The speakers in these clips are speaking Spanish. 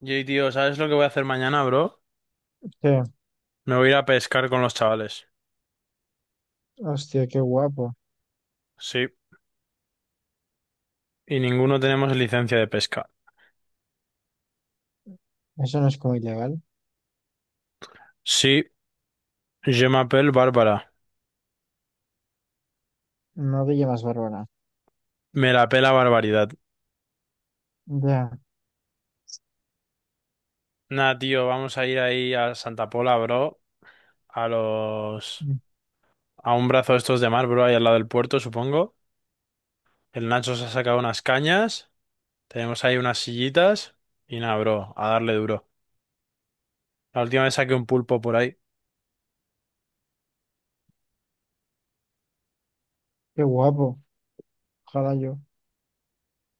Jay, tío, ¿sabes lo que voy a hacer mañana, bro? Sí, Me voy a ir a pescar con los chavales. hostia, qué guapo. Sí, y ninguno tenemos licencia de pesca. Eso no es como ilegal. Sí, je m'appelle Bárbara. No Villa más Bárbara. Me la pela barbaridad. Ya, Nah, tío, vamos a ir ahí a Santa Pola, bro. A los... mm, A un brazo de estos de mar, bro, ahí al lado del puerto, supongo. El Nacho se ha sacado unas cañas. Tenemos ahí unas sillitas. Y nada, bro, a darle duro. La última vez saqué un pulpo por ahí. qué guapo. Ojalá yo.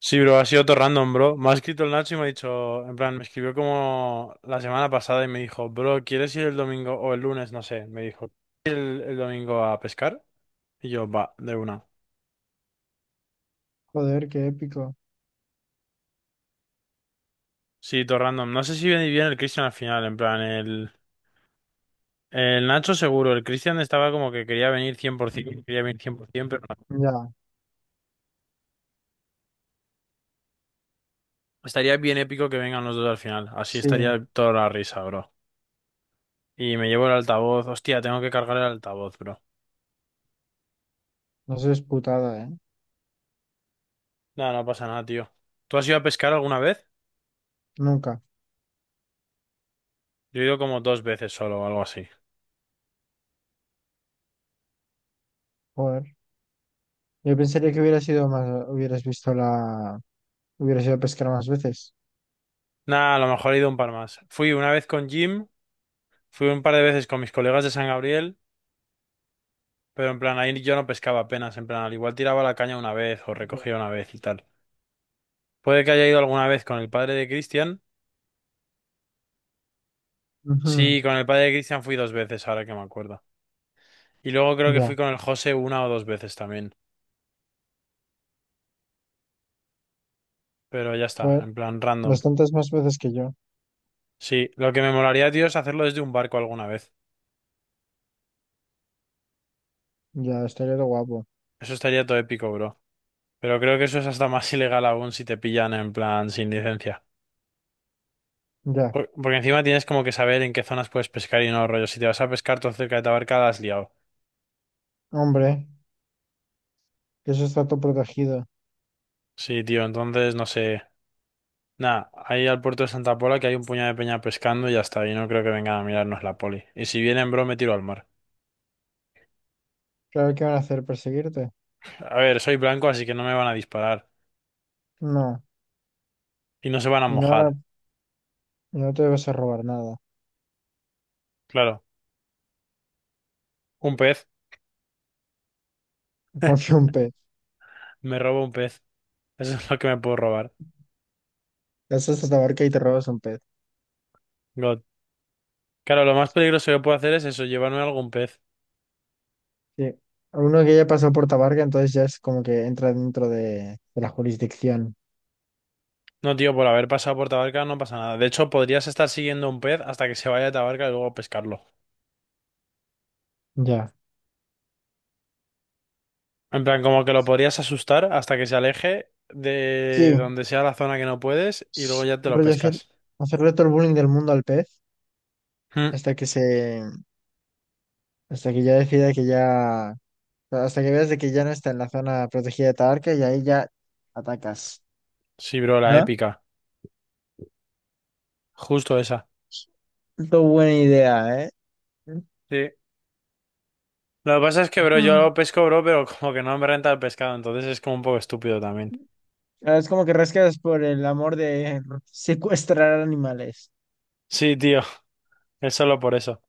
Sí, bro, ha sido todo random, bro. Me ha escrito el Nacho y me ha dicho, en plan, me escribió como la semana pasada y me dijo, bro, ¿quieres ir el domingo o el lunes? No sé. Me dijo, ¿quieres ir el domingo a pescar? Y yo, va, de una. Joder, qué épico. Sí, todo random. No sé si viene bien el Cristian al final, en plan, el Nacho seguro. El Cristian estaba como que quería venir cien por que quería venir 100%, pero no. Ya, Estaría bien épico que vengan los dos al final. Así sí. estaría toda la risa, bro. Y me llevo el altavoz. Hostia, tengo que cargar el altavoz, bro. No seas putada, ¿eh? No, no pasa nada, tío. ¿Tú has ido a pescar alguna vez? Nunca. Yo he ido como dos veces solo o algo así. Joder. Yo pensaría que hubiera sido más, hubieras visto hubieras ido a pescar más veces. Nada, a lo mejor he ido un par más. Fui una vez con Jim, fui un par de veces con mis colegas de San Gabriel, pero en plan ahí yo no pescaba apenas, en plan al igual tiraba la caña una vez o Ya. recogía una vez y tal. Puede que haya ido alguna vez con el padre de Cristian. Ujú, Sí, con el padre de Cristian fui dos veces, ahora que me acuerdo. Y luego creo que fui ya, con el José una o dos veces también. Pero ya está, joder. en plan random. Bastantes más veces que yo. Sí, lo que me molaría, tío, es hacerlo desde un barco alguna vez. Ya, estaría de guapo. Eso estaría todo épico, bro. Pero creo que eso es hasta más ilegal aún si te pillan en plan sin licencia. Ya, Porque encima tienes como que saber en qué zonas puedes pescar y no, rollo. Si te vas a pescar todo cerca de Tabarca, la has liado. hombre, que eso está todo protegido. Sí, tío, entonces no sé. Nada, ahí al puerto de Santa Pola que hay un puñado de peña pescando y ya está. Y no creo que vengan a mirarnos la poli. Y si vienen, bro, me tiro al mar. Claro que van a hacer perseguirte. A ver, soy blanco, así que no me van a disparar. No, Y no se van a y no van a- mojar. y no te vas a robar nada. Claro, un pez. Confía un pez. Me robo un pez. Eso es lo que me puedo robar. Eso es Tabarca y te robas un pez. God. Claro, lo más peligroso que puedo hacer es eso, llevarme algún pez. Sí. Uno que ya pasó por Tabarca, entonces ya es como que entra dentro de la jurisdicción. No, tío, por haber pasado por Tabarca no pasa nada. De hecho, podrías estar siguiendo un pez hasta que se vaya a Tabarca y luego pescarlo. Ya. En plan, como que lo podrías asustar hasta que se aleje de Sí. donde sea la zona que no puedes y luego ya te lo Rollo pescas. hacerle todo el bullying del mundo al pez Mm. hasta que se, hasta que ya decida que ya, hasta que veas de que ya no está en la zona protegida de Tabarca y ahí ya atacas. Sí, bro, la ¿No? épica. Justo esa. Qué buena idea, ¿eh? Sí. Lo que pasa es que, bro, yo Mm. lo pesco, bro, pero como que no me renta el pescado, entonces es como un poco estúpido también. Es como que rascas por el amor de secuestrar animales. Sí, tío, es solo por eso.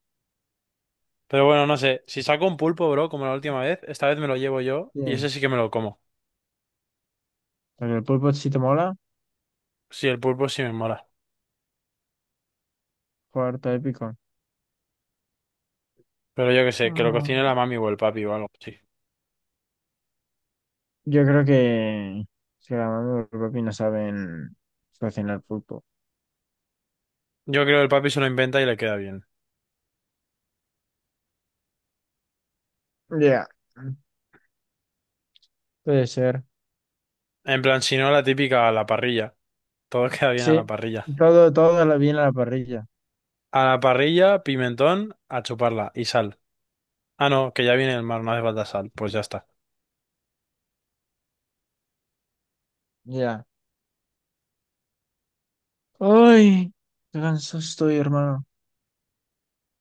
Pero bueno, no sé. Si saco un pulpo, bro, como la última vez, esta vez me lo llevo yo Sí. y ese sí que me lo como. El pulpo sí te mola, Sí, el pulpo sí me mola. cuarto épico. Pero yo qué sé, que lo Ah. cocine la mami o el papi o algo, sí. Yo creo que si la mami y el papi no saben cocinar pulpo. Yo creo que el papi se lo inventa y le queda bien. Ya, puede ser. En plan, si no, la típica a la parrilla. Todo queda bien a Sí, la parrilla. Todo lo viene a la parrilla. A la parrilla, pimentón, a chuparla y sal. Ah, no, que ya viene el mar, no hace falta sal. Pues ya está. Ya. Ay, qué cansado estoy, hermano.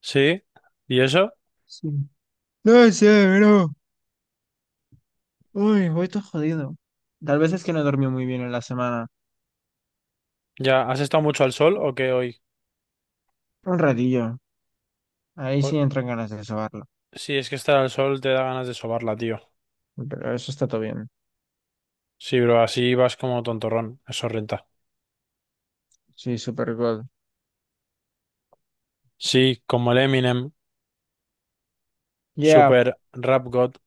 Sí. ¿Y eso? Sí. No sé, bro. Uy, voy todo jodido. Tal vez es que no dormí muy bien en la semana. ¿Ya has estado mucho al sol o qué hoy? Un ratillo. Ahí Por- sí entran ganas de sobarlo. Sí, es que estar al sol te da ganas de sobarla, tío. Pero eso está todo bien. Sí, bro, así vas como tontorrón. Eso renta. Sí, super good. Sí, como el Eminem. Ya, Super rap god.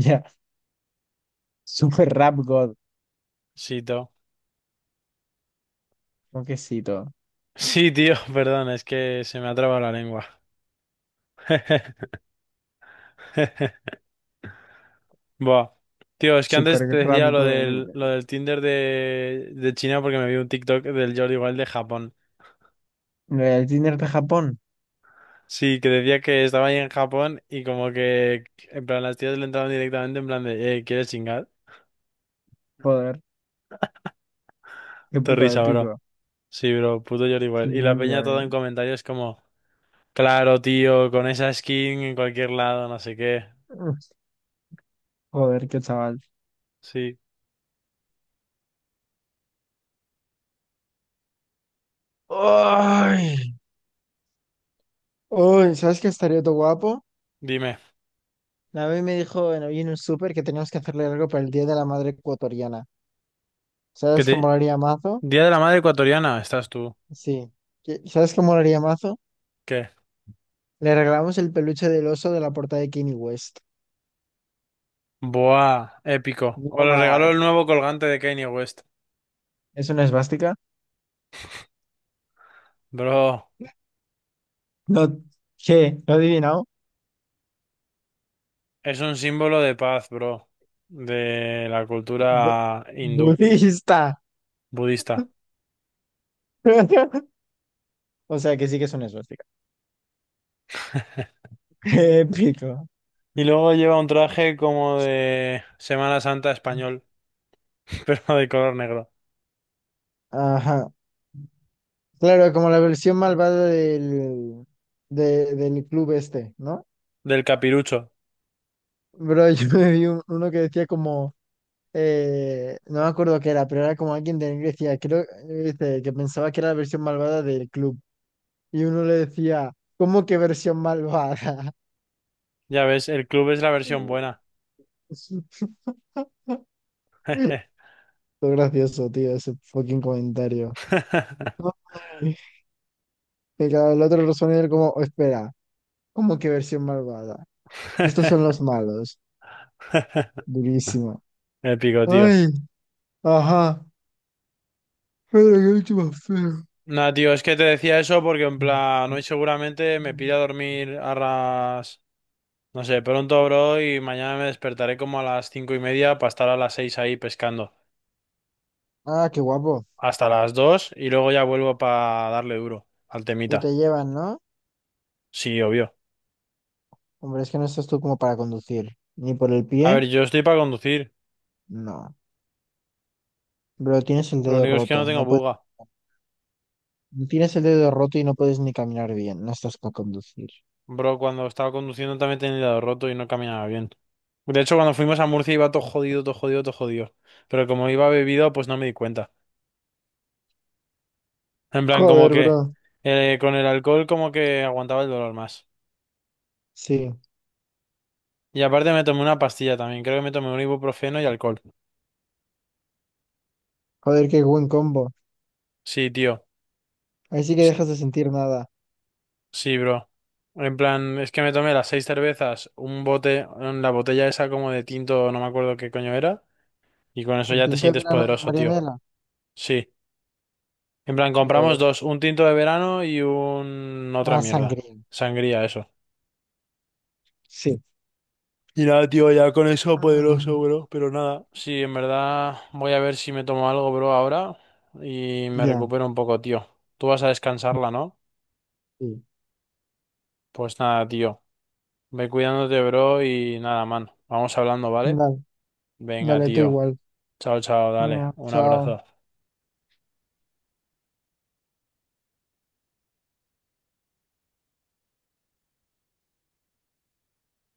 ya. Super Rap God, Sí, tío. quesito. Sí, tío, perdón, es que se me ha trabado la lengua. Buah. Tío, es que Super antes te Rap decía lo God de mí. del, lo del Tinder de China porque me vi un TikTok del Jordi igual de Japón. El Tinder de Japón. Sí, que decía que estaba ahí en Japón y como que, en plan, las tías le entraban directamente en plan de, ¿quieres chingar? Joder, qué Te puta de risa, bro. pico. Sí, bro, puto Jordi Sí, igual. Y la sí, ya peña todo ves. en comentarios como, claro, tío, con esa skin en cualquier lado, no sé qué. Uf, joder, qué chaval. Sí, Ay, uy, ¿sabes qué estaría todo guapo? dime. La vez me dijo en, hoy en un súper que teníamos que hacerle algo para el Día de la Madre Ecuatoriana. ¿Qué ¿Sabes qué te... molaría mazo? Día de la Madre Ecuatoriana, estás tú. Sí. ¿Sabes qué molaría mazo? ¿Qué? Le regalamos el peluche del oso de la portada de Kanye West. Buah, épico. O le regaló Guau, el nuevo colgante de Kanye West. ¿es una esvástica? Bro, No, ¿qué? ¿Lo adivinamos? es un símbolo de paz, bro, de la de- cultura hindú, budista. budista. O sea que sí que es una esvástica. Épico. Y luego lleva un traje como de Semana Santa español, pero de color negro, Ajá. Claro, como la versión malvada del club este, ¿no? del capirucho. Bro, yo me vi uno que decía como, no me acuerdo qué era, pero era como alguien de Grecia, creo, dice, que pensaba que era la versión malvada del club. Y uno le decía, ¿cómo que versión malvada? Ya ves, el club es la versión buena. Todo gracioso, tío, ese fucking comentario. Ay, y claro, el otro respondió él como, "Oh, espera, ¿cómo que versión malvada? Y estos son los malos. Durísimo. Épico, tío. Ay, ajá. Pero qué bicho más feo. Nah, tío, es que te decía eso porque en plan, hoy seguramente me pira a dormir a las... No sé, pronto, bro, y mañana me despertaré como a las 5:30 para estar a las 6 ahí pescando. Ah, qué guapo. Hasta las 2 y luego ya vuelvo para darle duro al Y temita. te llevan, ¿no? Sí, obvio. Hombre, es que no estás tú como para conducir. Ni por el A ver, pie, yo estoy para conducir. no. Pero tienes el Lo dedo único es que no roto. tengo No puedes, buga. tienes el dedo roto y no puedes ni caminar bien. No estás para conducir. Bro, cuando estaba conduciendo también tenía el dedo roto y no caminaba bien. De hecho, cuando fuimos a Murcia iba todo jodido, todo jodido, todo jodido. Pero como iba bebido, pues no me di cuenta. En plan, como Joder, que bro. Con el alcohol como que aguantaba el dolor más. Sí. Y aparte me tomé una pastilla también. Creo que me tomé un ibuprofeno y alcohol. Joder, qué buen combo. Sí, tío. Ahí sí que Es dejas de sentir nada. Sí, bro. En plan, es que me tomé las seis cervezas, un bote, en la botella esa como de tinto, no me acuerdo qué coño era, y con eso El ya te tinto de sientes la de poderoso, tío. Marianela, Sí. En plan, ya compramos ves. dos, un tinto de verano y un... otra Ah, mierda. sangría. Sangría, eso. Sí. Y nada, tío, ya con eso Ah, poderoso, bro, pero nada. Sí, en verdad voy a ver si me tomo algo, bro, ahora y me ya. recupero un poco, tío. Tú vas a descansarla, ¿no? Sí. Pues nada, tío. Ve cuidándote, bro, y nada, man. Vamos hablando, ¿vale? Dale, Venga, dale tú tío. igual. Chao, chao, dale. Ah, Un chao. abrazo.